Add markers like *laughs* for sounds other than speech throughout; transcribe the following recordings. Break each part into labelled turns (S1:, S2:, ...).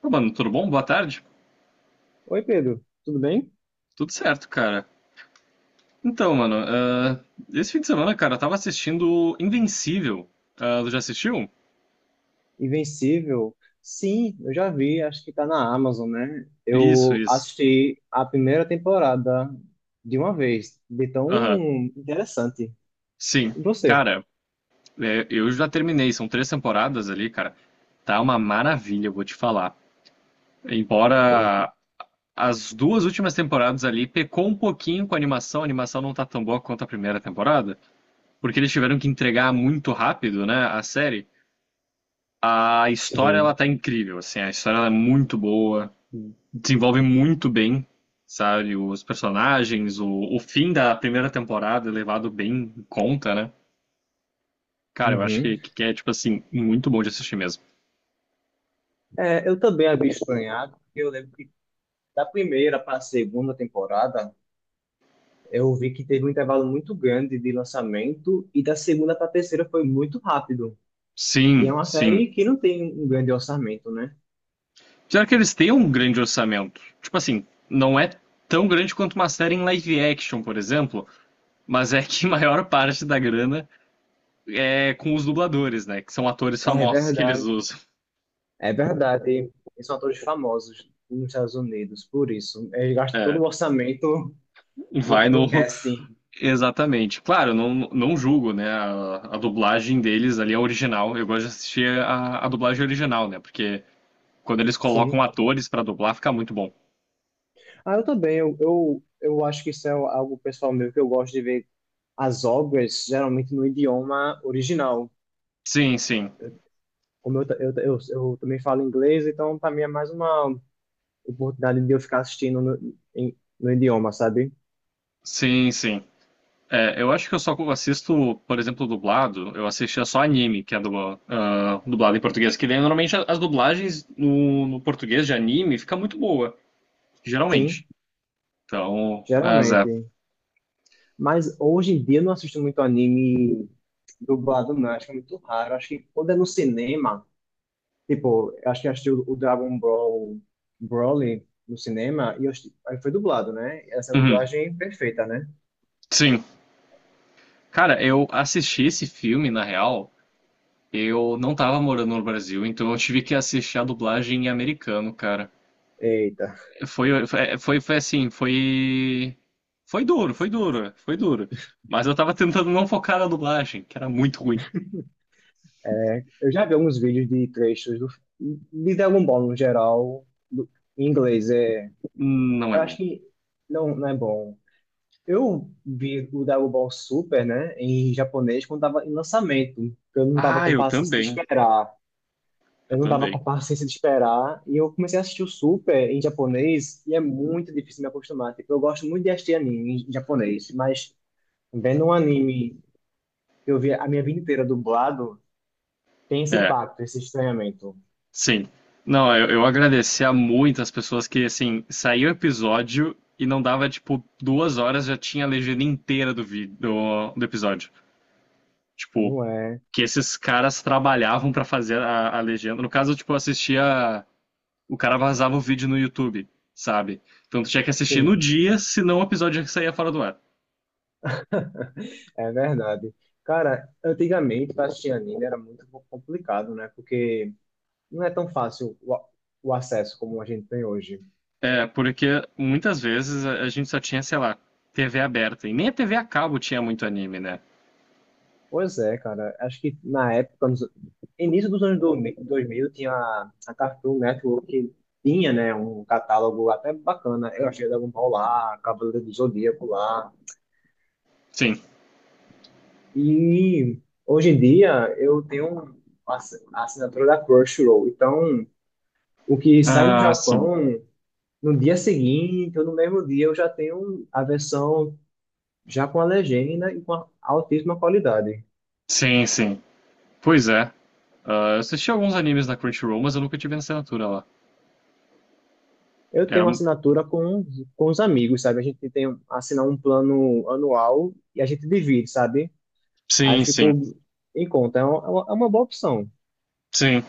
S1: Ô, mano, tudo bom? Boa tarde.
S2: Oi, Pedro, tudo bem?
S1: Tudo certo, cara. Então, mano, esse fim de semana, cara, eu tava assistindo Invencível. Ah, tu já assistiu?
S2: Invencível? Sim, eu já vi, acho que tá na Amazon, né?
S1: Isso,
S2: Eu
S1: isso.
S2: assisti a primeira temporada de uma vez, de tão
S1: Aham.
S2: interessante.
S1: Sim.
S2: E você?
S1: Cara, é, eu já terminei, são três temporadas ali, cara. Tá uma maravilha, eu vou te falar.
S2: Bom.
S1: Embora as duas últimas temporadas ali pecou um pouquinho com a animação não tá tão boa quanto a primeira temporada, porque eles tiveram que entregar muito rápido, né, a série. A história ela
S2: Sim.
S1: tá incrível, assim, a história ela é muito boa, desenvolve muito bem, sabe, os personagens, o fim da primeira temporada é levado bem em conta, né? Cara, eu acho
S2: Uhum.
S1: que é, tipo assim, muito bom de assistir mesmo.
S2: É, eu também havia estranhado, porque eu lembro que da primeira para a segunda temporada, eu vi que teve um intervalo muito grande de lançamento, e da segunda para a terceira foi muito rápido. E é
S1: Sim,
S2: uma
S1: sim.
S2: série que não tem um grande orçamento, né?
S1: Já que eles têm um grande orçamento? Tipo assim, não é tão grande quanto uma série em live action, por exemplo, mas é que *laughs* a maior parte da grana é com os dubladores, né? Que são atores
S2: É
S1: famosos que eles
S2: verdade.
S1: usam.
S2: É verdade, e são atores famosos nos Estados Unidos, por isso. Eles gastam todo
S1: É,
S2: o orçamento no,
S1: vai no,
S2: no casting.
S1: exatamente. Claro, não, não julgo, né, a dublagem deles ali, é original. Eu gosto de assistir a dublagem original, né, porque quando eles colocam
S2: Sim.
S1: atores pra dublar, fica muito bom.
S2: Ah, eu também. Eu acho que isso é algo pessoal meu que eu gosto de ver as obras geralmente no idioma original.
S1: Sim, sim.
S2: Como eu também falo inglês, então para mim é mais uma oportunidade de eu ficar assistindo no idioma, sabe?
S1: Sim, sim. É, eu acho que eu só assisto, por exemplo, dublado, eu assistia só anime, que é dublado em português, que daí normalmente as dublagens no português de anime fica muito boa, geralmente.
S2: Sim.
S1: Então, mas é.
S2: Geralmente. Mas hoje em dia eu não assisto muito anime dublado, não. Acho que é muito raro. Acho que quando é no cinema, tipo, acho que eu assisti o Dragon Ball Broly no cinema e eu assisti- aí foi dublado, né? Essa
S1: Uhum.
S2: dublagem perfeita, né?
S1: Sim. Cara, eu assisti esse filme, na real, eu não tava morando no Brasil, então eu tive que assistir a dublagem em americano, cara.
S2: Eita.
S1: Foi assim, foi. Foi duro, foi duro, foi duro. Mas eu tava tentando não focar na dublagem, que era muito ruim.
S2: Eu já vi alguns vídeos de trechos de Dragon Ball no geral, do, em inglês. É,
S1: Não é
S2: eu acho
S1: bom.
S2: que não é bom. Eu vi o Dragon Ball Super, né, em japonês quando tava em lançamento, porque eu não tava
S1: Ah,
S2: com
S1: eu
S2: paciência de
S1: também.
S2: esperar.
S1: Eu
S2: Eu não tava com
S1: também.
S2: paciência de esperar. E eu comecei a assistir o Super em japonês e é muito difícil me acostumar. Tipo, eu gosto muito de assistir anime em japonês, mas vendo um anime que eu vi a minha vida inteira dublado, tem esse
S1: É,
S2: impacto, esse estranhamento.
S1: sim. Não, eu agradeci a muitas pessoas que, assim, saiu o episódio e não dava, tipo, 2 horas, já tinha a legenda inteira do vídeo, do episódio. Tipo,
S2: Não é?
S1: que esses caras trabalhavam pra fazer a legenda. No caso, tipo, eu assistia. O cara vazava o vídeo no YouTube, sabe? Então tu tinha que assistir no
S2: Sim,
S1: dia, senão o episódio já saía fora do ar.
S2: é verdade. Cara, antigamente pra assistir anime era muito complicado, né? Porque não é tão fácil o acesso como a gente tem hoje.
S1: É, porque muitas vezes a gente só tinha, sei lá, TV aberta. E nem a TV a cabo tinha muito anime, né?
S2: Pois é, cara. Acho que na época, nos início dos anos dois mil, tinha a Cartoon Network que tinha, né, um catálogo até bacana. Eu achei Dragon Ball lá, Cavaleiro do Zodíaco lá.
S1: Sim.
S2: E hoje em dia eu tenho um, a a assinatura da Crunchyroll. Então, o que sai no
S1: Ah, sim.
S2: Japão, no dia seguinte ou no mesmo dia, eu já tenho a versão já com a legenda e com a altíssima qualidade.
S1: Sim, sim. Pois é. Ah, eu assisti alguns animes na Crunchyroll, mas eu nunca tive na assinatura lá.
S2: Eu tenho
S1: Era...
S2: uma assinatura com os amigos, sabe? A gente tem assinar um plano anual e a gente divide, sabe? Aí
S1: Sim, sim.
S2: ficou em conta. É uma boa opção.
S1: Sim.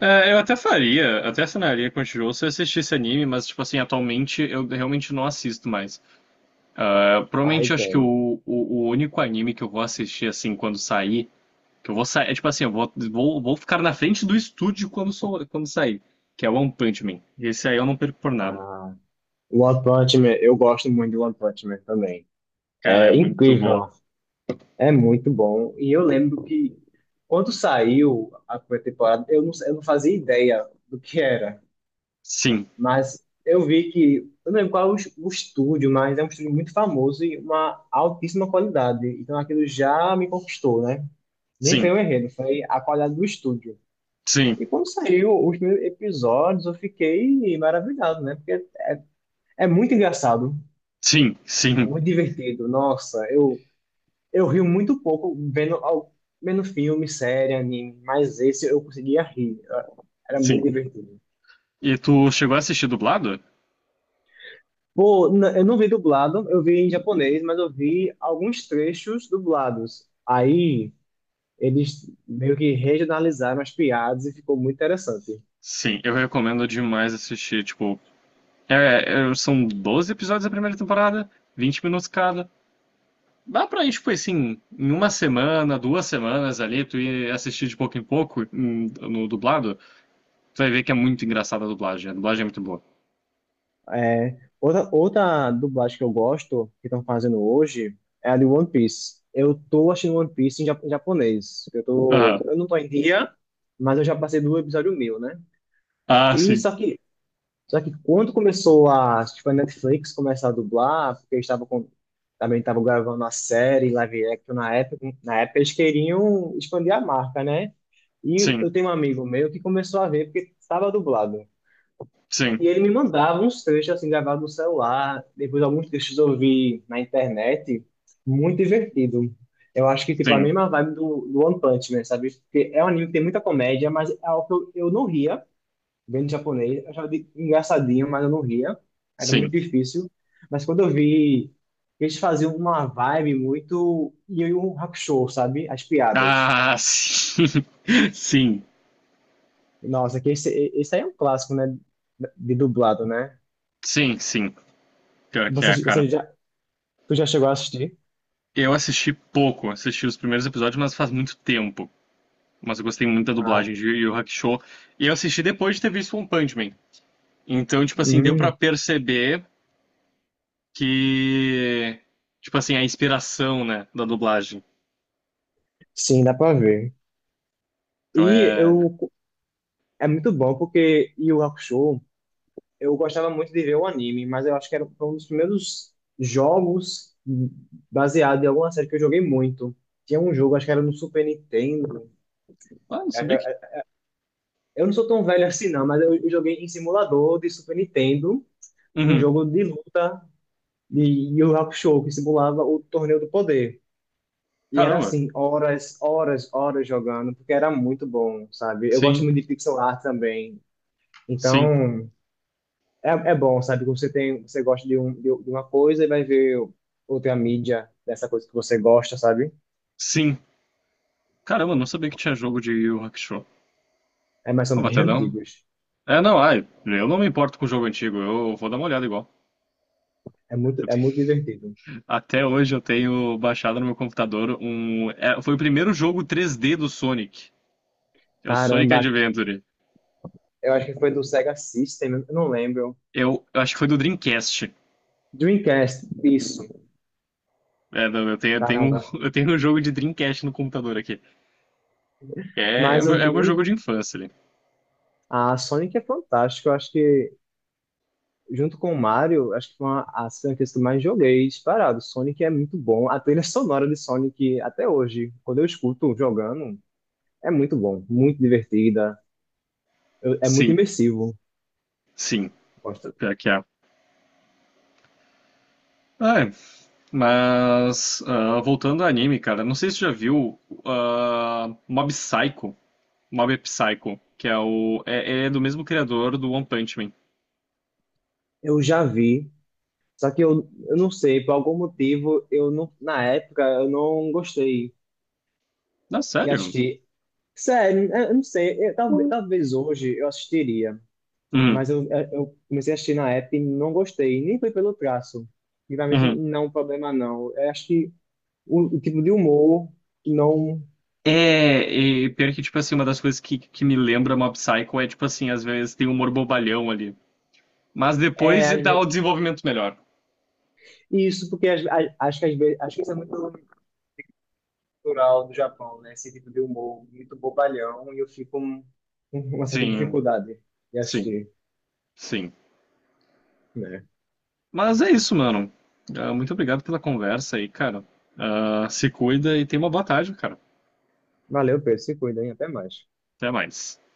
S1: É, eu até faria, até assinaria com o Crunchyroll se eu assistisse anime, mas, tipo assim, atualmente eu realmente não assisto mais. Ah,
S2: Aí
S1: provavelmente eu acho que
S2: tem.
S1: o único anime que eu vou assistir, assim, quando sair, que eu vou sair, é tipo assim, eu vou ficar na frente do estúdio quando, sou, quando sair, que é One Punch Man. Esse aí eu não perco por nada.
S2: Ah, One Punch Man. Eu gosto muito de One Punch Man também.
S1: Cara, é
S2: É
S1: muito bom.
S2: incrível. É muito bom. E eu lembro que quando saiu a primeira temporada, eu não fazia ideia do que era.
S1: Sim,
S2: Mas eu vi que, eu não lembro qual é o estúdio, mas é um estúdio muito famoso e uma altíssima qualidade. Então aquilo já me conquistou, né? Nem foi
S1: sim,
S2: o enredo, foi a qualidade do estúdio.
S1: sim,
S2: E quando saiu os primeiros episódios, eu fiquei maravilhado, né? Porque é, é muito engraçado,
S1: sim,
S2: é
S1: sim,
S2: muito divertido. Nossa, eu rio muito pouco vendo filme, série, anime, mas esse eu conseguia rir. Era muito
S1: sim.
S2: divertido.
S1: E tu chegou a assistir dublado?
S2: Pô, eu não vi dublado, eu vi em japonês, mas eu vi alguns trechos dublados. Aí eles meio que regionalizaram as piadas e ficou muito interessante.
S1: Sim, eu recomendo demais assistir, tipo, é, é, são 12 episódios da primeira temporada, 20 minutos cada. Dá pra ir, tipo assim, em uma semana, duas semanas ali, tu ir assistir de pouco em pouco, no dublado, tu vai ver que é muito engraçada a dublagem. A dublagem é muito boa.
S2: É, outra dublagem que eu gosto, que estão fazendo hoje, é a de One Piece. Eu tô assistindo One Piece em japonês.
S1: Aham.
S2: Eu não tô em dia, mas eu já passei do episódio 1000, né?
S1: Ah,
S2: E
S1: sim.
S2: só que Só que quando começou a, tipo, a Netflix começar a dublar, porque eles estavam com, também estavam gravando a série live action na época eles queriam expandir a marca, né? E
S1: Sim.
S2: eu tenho um amigo meu que começou a ver porque estava dublado.
S1: Sim.
S2: E ele me mandava uns trechos assim gravados no celular, depois alguns trechos eu vi na internet, muito divertido. Eu acho que tipo a
S1: Sim.
S2: mesma vibe do One Punch Man, sabe? Porque é um anime que tem muita comédia, mas é algo que eu não ria vendo japonês, eu achava engraçadinho, mas eu não ria. Era muito
S1: Sim.
S2: difícil. Mas quando eu vi, eles faziam uma vibe muito Yu Yu Hakusho, sabe? As piadas.
S1: Ah, sim. *laughs* Sim.
S2: Nossa, esse aí é um clássico, né? De dublado, né?
S1: Sim, sim. Pior que é,
S2: Você,
S1: cara.
S2: você já, tu já chegou a assistir?
S1: Eu assisti pouco, assisti os primeiros episódios, mas faz muito tempo. Mas eu gostei muito da
S2: Ah,
S1: dublagem de Yu Yu Hakusho. E eu assisti depois de ter visto One Punch Man. Então, tipo assim, deu pra
S2: hum,
S1: perceber que, tipo assim, a inspiração, né, da dublagem.
S2: sim, dá pra ver.
S1: Então
S2: E
S1: é.
S2: eu, é muito bom porque Yu Yu Hakusho, eu gostava muito de ver o anime, mas eu acho que era foi um dos primeiros jogos baseado em alguma série que eu joguei muito. Tinha um jogo, acho que era no Super Nintendo.
S1: Ah, não
S2: Acho
S1: sabia que.
S2: que- Eu não sou tão velho assim, não, mas eu joguei em simulador de Super Nintendo, um
S1: Uhum.
S2: jogo de luta de Yu Yu Hakusho, que simulava o Torneio do Poder. E era
S1: Caramba.
S2: assim, horas, horas, horas jogando, porque era muito bom, sabe? Eu gosto
S1: Sim,
S2: muito de pixel art também.
S1: sim,
S2: Então, é, é bom, sabe? Que você tem, você gosta de uma coisa e vai ver outra mídia dessa coisa que você gosta, sabe?
S1: sim. Caramba, não sabia que tinha jogo de Yu Yu Hakusho.
S2: É, mas
S1: Ah,
S2: são
S1: vou
S2: bem *laughs*
S1: até dar um.
S2: antigos.
S1: É, não, ai, eu não me importo com o jogo antigo, eu vou dar uma olhada igual. Eu
S2: É
S1: te-
S2: muito divertido.
S1: até hoje eu tenho baixado no meu computador um. É, foi o primeiro jogo 3D do Sonic. É o Sonic
S2: Caramba,
S1: Adventure.
S2: eu acho que foi do Sega System, eu não lembro.
S1: Eu acho que foi do Dreamcast.
S2: Dreamcast, isso.
S1: É, não,
S2: Caramba.
S1: *laughs* eu tenho um jogo de Dreamcast no computador aqui. É,
S2: Mas
S1: é meu jogo de infância ali.
S2: A Sonic é fantástica. Eu acho que, junto com o Mario, acho que foi uma, as franquias que eu mais joguei disparado. Sonic é muito bom. A trilha sonora de Sonic, até hoje, quando eu escuto jogando, é muito bom. Muito divertida. É muito
S1: Sim,
S2: imersivo.
S1: sim,
S2: Gosto.
S1: pior que é. Ah, é. Mas voltando ao anime, cara, não sei se você já viu Mob Psycho, Mob Psycho, que é o é, é do mesmo criador do One Punch Man.
S2: Eu já vi, só que eu não sei, por algum motivo, eu não, na época, eu não gostei
S1: Não,
S2: de
S1: sério?
S2: assistir. Sério, eu não sei, talvez, talvez hoje eu assistiria,
S1: Uhum,
S2: mas eu comecei a assistir na época e não gostei, nem foi pelo traço. E pra mim isso
S1: uhum.
S2: não é um problema, não. Eu acho que o tipo de humor não.
S1: É, e pior que, tipo assim, uma das coisas que me lembra Mob Psycho é, tipo assim, às vezes tem humor bobalhão ali. Mas depois
S2: É,
S1: dá o desenvolvimento melhor.
S2: isso, porque acho que às vezes, acho que isso é muito cultural do Japão, né? Esse tipo de humor muito bobalhão e eu fico com *laughs* uma certa
S1: Sim,
S2: dificuldade de
S1: sim.
S2: assistir,
S1: Sim.
S2: né?
S1: Mas é isso, mano. Ah, muito obrigado pela conversa aí, cara. Ah, se cuida e tenha uma boa tarde, cara.
S2: Valeu, Pedro, se cuida, hein? Até mais.
S1: Até mais.